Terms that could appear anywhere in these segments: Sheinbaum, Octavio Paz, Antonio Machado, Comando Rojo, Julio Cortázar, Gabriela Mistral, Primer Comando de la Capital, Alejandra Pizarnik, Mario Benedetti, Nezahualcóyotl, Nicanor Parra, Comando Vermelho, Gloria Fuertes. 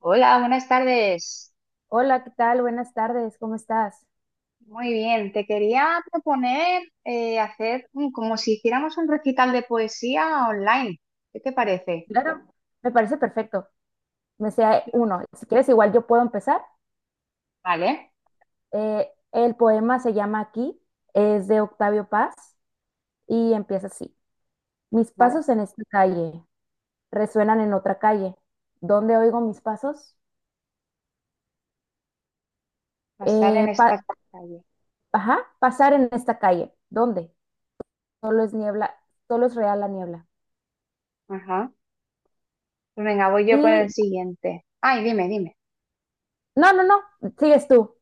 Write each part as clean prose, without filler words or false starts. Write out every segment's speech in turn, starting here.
Hola, buenas tardes. Hola, ¿qué tal? Buenas tardes, ¿cómo estás? Muy bien, te quería proponer hacer como si hiciéramos un recital de poesía online. ¿Qué te parece? Claro, me parece perfecto. Me sea uno. Si quieres, igual yo puedo empezar. Vale, El poema se llama Aquí, es de Octavio Paz y empieza así. Mis vale. pasos en esta calle resuenan en otra calle. ¿Dónde oigo mis pasos? Pasar en Eh, pa- esta calle. ajá, pasar en esta calle. ¿Dónde? Solo es niebla, solo es real la niebla. Ajá. Pues venga, voy yo con el Y siguiente. Ay, dime. no, no, no, sigues tú.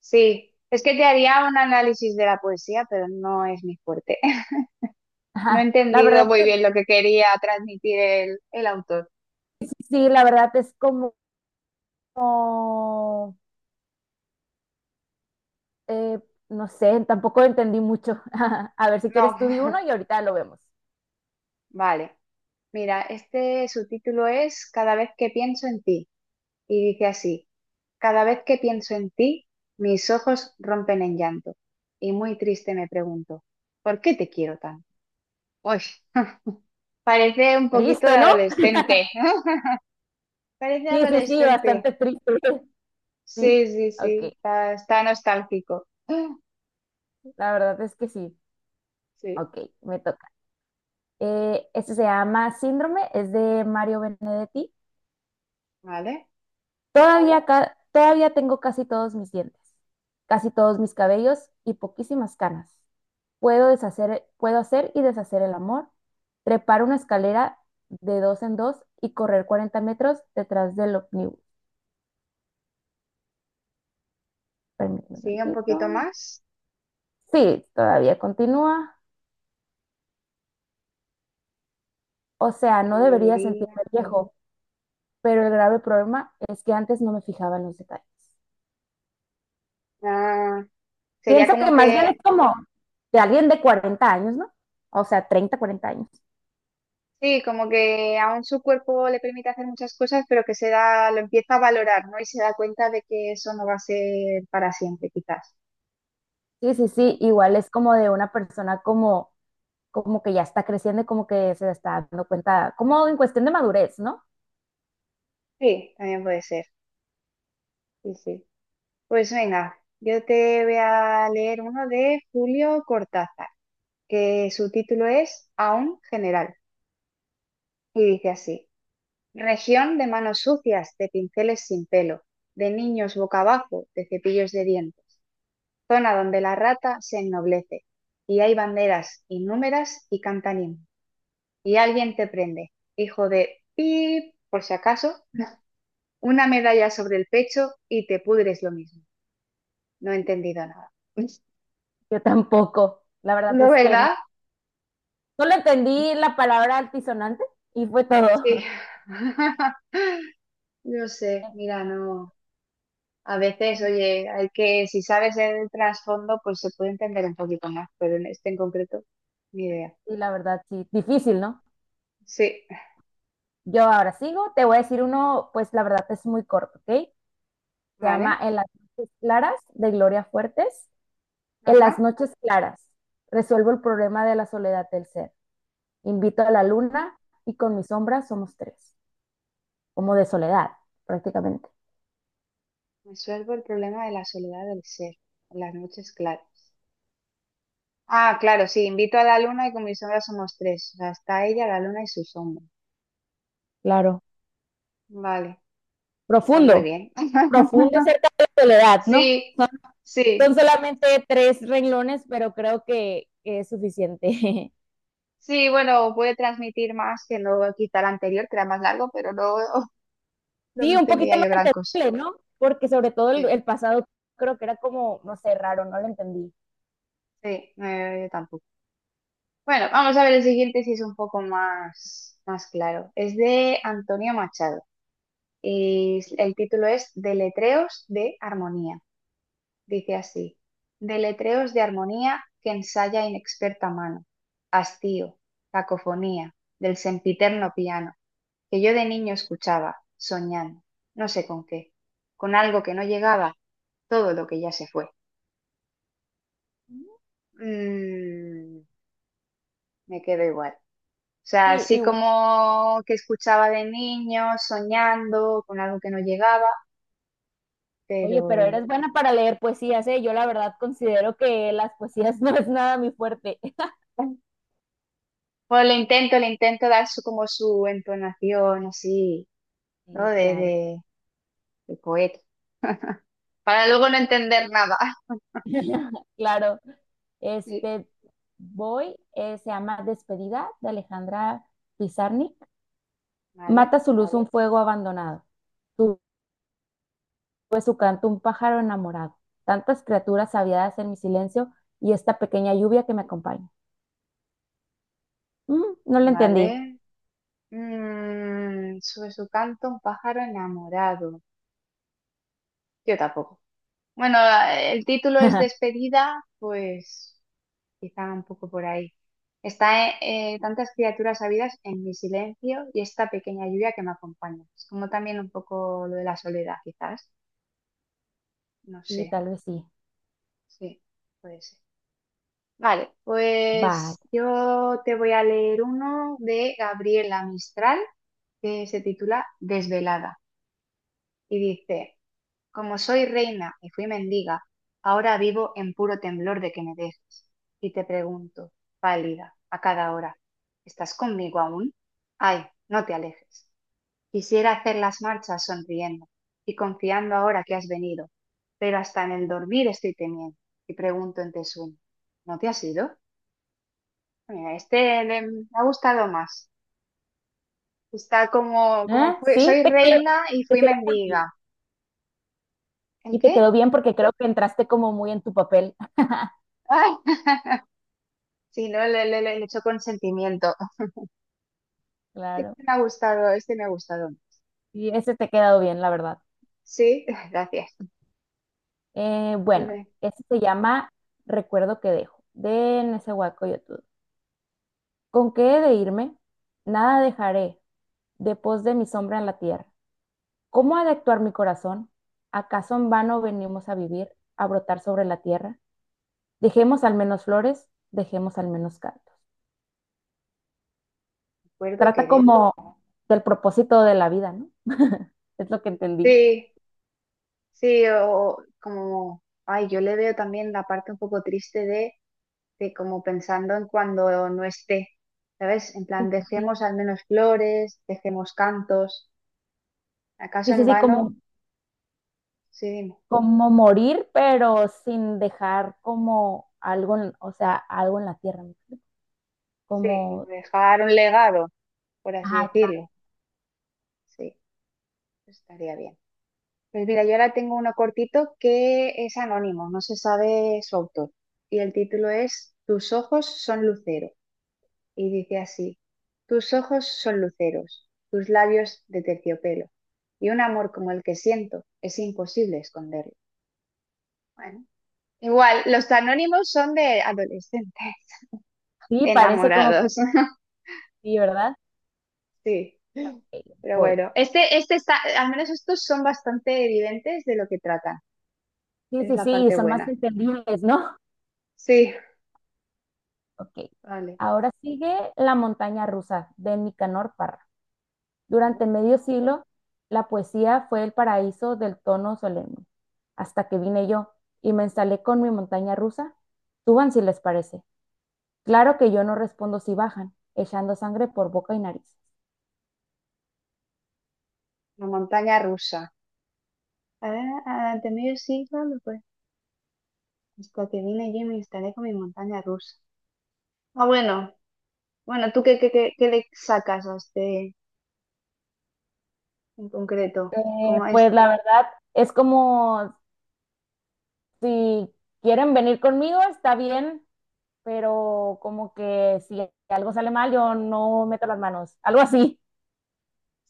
Sí, es que te haría un análisis de la poesía, pero no es mi fuerte. No he Ajá. La entendido verdad, muy bien lo que quería transmitir el autor. sí, sí, la verdad es como... Eh, no sé, tampoco entendí mucho. A ver, si No. quieres tú di uno y ahorita lo vemos. Vale. Mira, este su título es Cada vez que pienso en ti, y dice así: cada vez que pienso en ti, mis ojos rompen en llanto y muy triste me pregunto, ¿por qué te quiero tanto? Uy, parece un poquito de Triste, ¿no? adolescente, parece Sí, sí, sí, adolescente. bastante triste. Sí, Sí, sí, sí, ok. Está nostálgico. La verdad es que sí. Sí, Ok, me toca. Este se llama Síndrome, es de Mario Benedetti. vale. Todavía tengo casi todos mis dientes, casi todos mis cabellos y poquísimas canas. Puedo hacer y deshacer el amor, trepar una escalera de dos en dos y correr 40 metros detrás del ómnibus. Permíteme un Sigue un tantito. poquito más. Sí, todavía continúa. O sea, Que no debería diría? sentirme viejo, pero el grave problema es que antes no me fijaba en los detalles. Ah, sería Pienso que como más que... bien es como de alguien de 40 años, ¿no? O sea, 30, 40 años. Sí, como que aún su cuerpo le permite hacer muchas cosas, pero que se da, lo empieza a valorar, ¿no? Y se da cuenta de que eso no va a ser para siempre, quizás, Sí, sí, sí, ¿no? igual es como de una persona como que ya está creciendo y como que se está dando cuenta, como en cuestión de madurez, ¿no? Sí, también puede ser. Sí, sí. Pues venga, yo te voy a leer uno de Julio Cortázar, que su título es Aún General, y dice así: Región de manos sucias, de pinceles sin pelo, de niños boca abajo, de cepillos de dientes, zona donde la rata se ennoblece, y hay banderas innúmeras y cantanín, y alguien te prende, hijo de pip, por si acaso, una medalla sobre el pecho y te pudres lo mismo. No he entendido nada. Yo tampoco, la verdad ¿No, es que no. verdad? Solo entendí la palabra altisonante y fue todo. Sí. Yo sé, mira, no. A veces, oye, hay que, si sabes el trasfondo, pues se puede entender un poquito más, pero en este en concreto, ni idea. Y la verdad, sí, difícil, ¿no? Sí, Yo ahora sigo, te voy a decir uno, pues la verdad es muy corto, ¿ok? Se llama vale. En las noches claras, de Gloria Fuertes. En las Ajá. noches claras, resuelvo el problema de la soledad del ser. Invito a la luna y con mi sombra somos tres. Como de soledad, prácticamente. Resuelvo el problema de la soledad del ser, en las noches claras. Ah, claro, sí, invito a la luna y con mi sombra somos tres. O sea, está ella, la luna y su sombra. ¿No? Claro. Vale, pues muy Profundo, bien. profundo acerca de la soledad, ¿no? Sí, Son sí, solamente tres renglones, pero creo que es suficiente. sí, bueno, puede transmitir más que no quita el anterior, que era más largo, pero no, no Sí, un poquito entendía más yo gran cosa. entendible, ¿no? Porque sobre todo el, Sí, el pasado creo que era como, no sé, raro, no lo entendí. sí, yo tampoco. Bueno, vamos a ver el siguiente si es un poco más, más claro. Es de Antonio Machado. Y el título es Deletreos de Armonía. Dice así: Deletreos de Armonía que ensaya inexperta mano, hastío, cacofonía, del sempiterno piano, que yo de niño escuchaba, soñando, no sé con qué, con algo que no llegaba, todo lo que ya se fue. Mm, me quedo igual. O sea, Sí, así igual. como que escuchaba de niño, soñando, con algo que no llegaba, Oye, pero pero... eres buena para leer poesías, ¿eh? Yo la verdad considero que las poesías no es nada mi fuerte. Bueno, le intento dar su, como su entonación así, ¿no? Sí, claro. De poeta, para luego no entender nada. Claro. Sí. Este, voy, se llama Despedida, de Alejandra Pizarnik. Vale, Mata su luz un fuego abandonado. Tuve su canto un pájaro enamorado. Tantas criaturas aviadas en mi silencio y esta pequeña lluvia que me acompaña. No la entendí. vale. Mm, sobre su canto, un pájaro enamorado. Yo tampoco. Bueno, el título es Despedida, pues quizá un poco por ahí. Está tantas criaturas habidas en mi silencio y esta pequeña lluvia que me acompaña. Es como también un poco lo de la soledad, quizás. No sé, Sí, tal vez sí. sí. Puede ser. Vale, Vale. pues yo te voy a leer uno de Gabriela Mistral que se titula Desvelada y dice: Como soy reina y fui mendiga, ahora vivo en puro temblor de que me dejes. Y te pregunto, pálida, a cada hora, ¿estás conmigo aún? Ay, no te alejes. Quisiera hacer las marchas sonriendo y confiando ahora que has venido, pero hasta en el dormir estoy temiendo y pregunto en te sueño, ¿no te has ido? Mira, este me ha gustado más. Está como, como ¿Eh? Sí, soy te quedó, reina y te fui quedó muy mendiga. bien. ¿El Y te qué? quedó bien porque creo que entraste como muy en tu papel. Ay, sí, no, le echo consentimiento. Claro. Este me ha gustado, este me ha gustado. Y ese te ha quedado bien, la verdad. Sí, gracias. Bueno, Recuerdo este se llama Recuerdo que dejo, de Nezahualcóyotl. ¿Con qué he de irme? Nada dejaré, de pos de mi sombra en la tierra. ¿Cómo ha de actuar mi corazón? ¿Acaso en vano venimos a vivir, a brotar sobre la tierra? Dejemos al menos flores, dejemos al menos cantos. que Trata dejo. como del propósito de la vida, ¿no? Es lo que entendí. Sí, sí, o como, ay, yo le veo también la parte un poco triste de como pensando en cuando no esté, ¿sabes? En Sí, plan, sí, sí. dejemos al menos flores, dejemos cantos. ¿Acaso Sí, en sí, sí, vano? como, Sí, dime. como morir, pero sin dejar como algo, o sea, algo en la tierra, ¿no? Sí, como Como, dejar un legado, por así ajá, claro. decirlo. Sí, estaría bien. Pues mira, yo ahora tengo uno cortito que es anónimo, no se sabe su autor. Y el título es Tus ojos son lucero. Y dice así: tus ojos son luceros, tus labios de terciopelo. Y un amor como el que siento es imposible esconderlo. Bueno, igual, los anónimos son de adolescentes Sí, parece como que enamorados. sí, ¿verdad? Sí. Ok, Pero voy. bueno, este está, al menos estos son bastante evidentes de lo que tratan. Sí, Es sí, la sí, y parte son más buena. entendibles, ¿no? Sí, Ok. vale, Ahora sigue La montaña rusa, de Nicanor Parra. vale. Durante medio siglo, la poesía fue el paraíso del tono solemne. Hasta que vine yo y me instalé con mi montaña rusa. Suban si les parece. Claro que yo no respondo si bajan echando sangre por boca y nariz. La montaña rusa. Ah, ah, ante medio siglo, no, pues, hasta que vine yo y me instalé con mi montaña rusa. Ah, bueno, bueno, ¿tú qué le sacas a este en concreto? Eh, Como es... pues la verdad es como, si quieren venir conmigo, está bien, pero como que si algo sale mal, yo no meto las manos, algo así.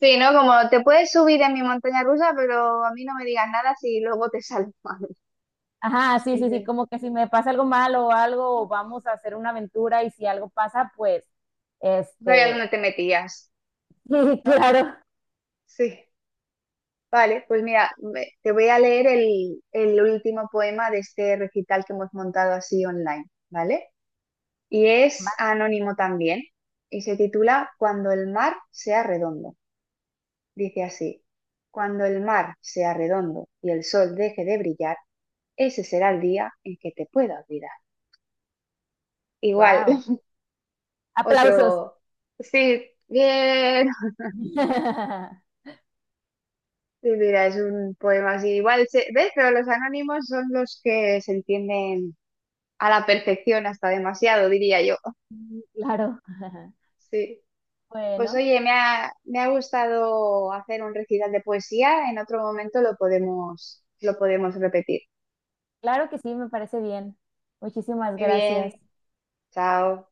Sí, ¿no? Como te puedes subir en mi montaña rusa, pero a mí no me digas nada si luego te sale mal. Ajá, sí, Sí, sí, sí, sí. como que si me pasa algo malo o algo, vamos a hacer una aventura y si algo pasa, pues, Vaya este, dónde te metías, sí, ¿no? claro, Sí. Vale, pues mira, te voy a leer el último poema de este recital que hemos montado así online, ¿vale? Y es anónimo también, y se titula Cuando el mar sea redondo. Dice así: cuando el mar sea redondo y el sol deje de brillar, ese será el día en que te pueda olvidar. Igual, wow, aplausos. otro... Sí, bien. Sí, mira, es un poema así. Igual, se... ¿ves? Pero los anónimos son los que se entienden a la perfección, hasta demasiado, diría yo. Claro, Sí. Pues bueno, oye, me ha gustado hacer un recital de poesía. En otro momento lo podemos repetir. claro que sí, me parece bien. Muchísimas Muy gracias. bien. Chao.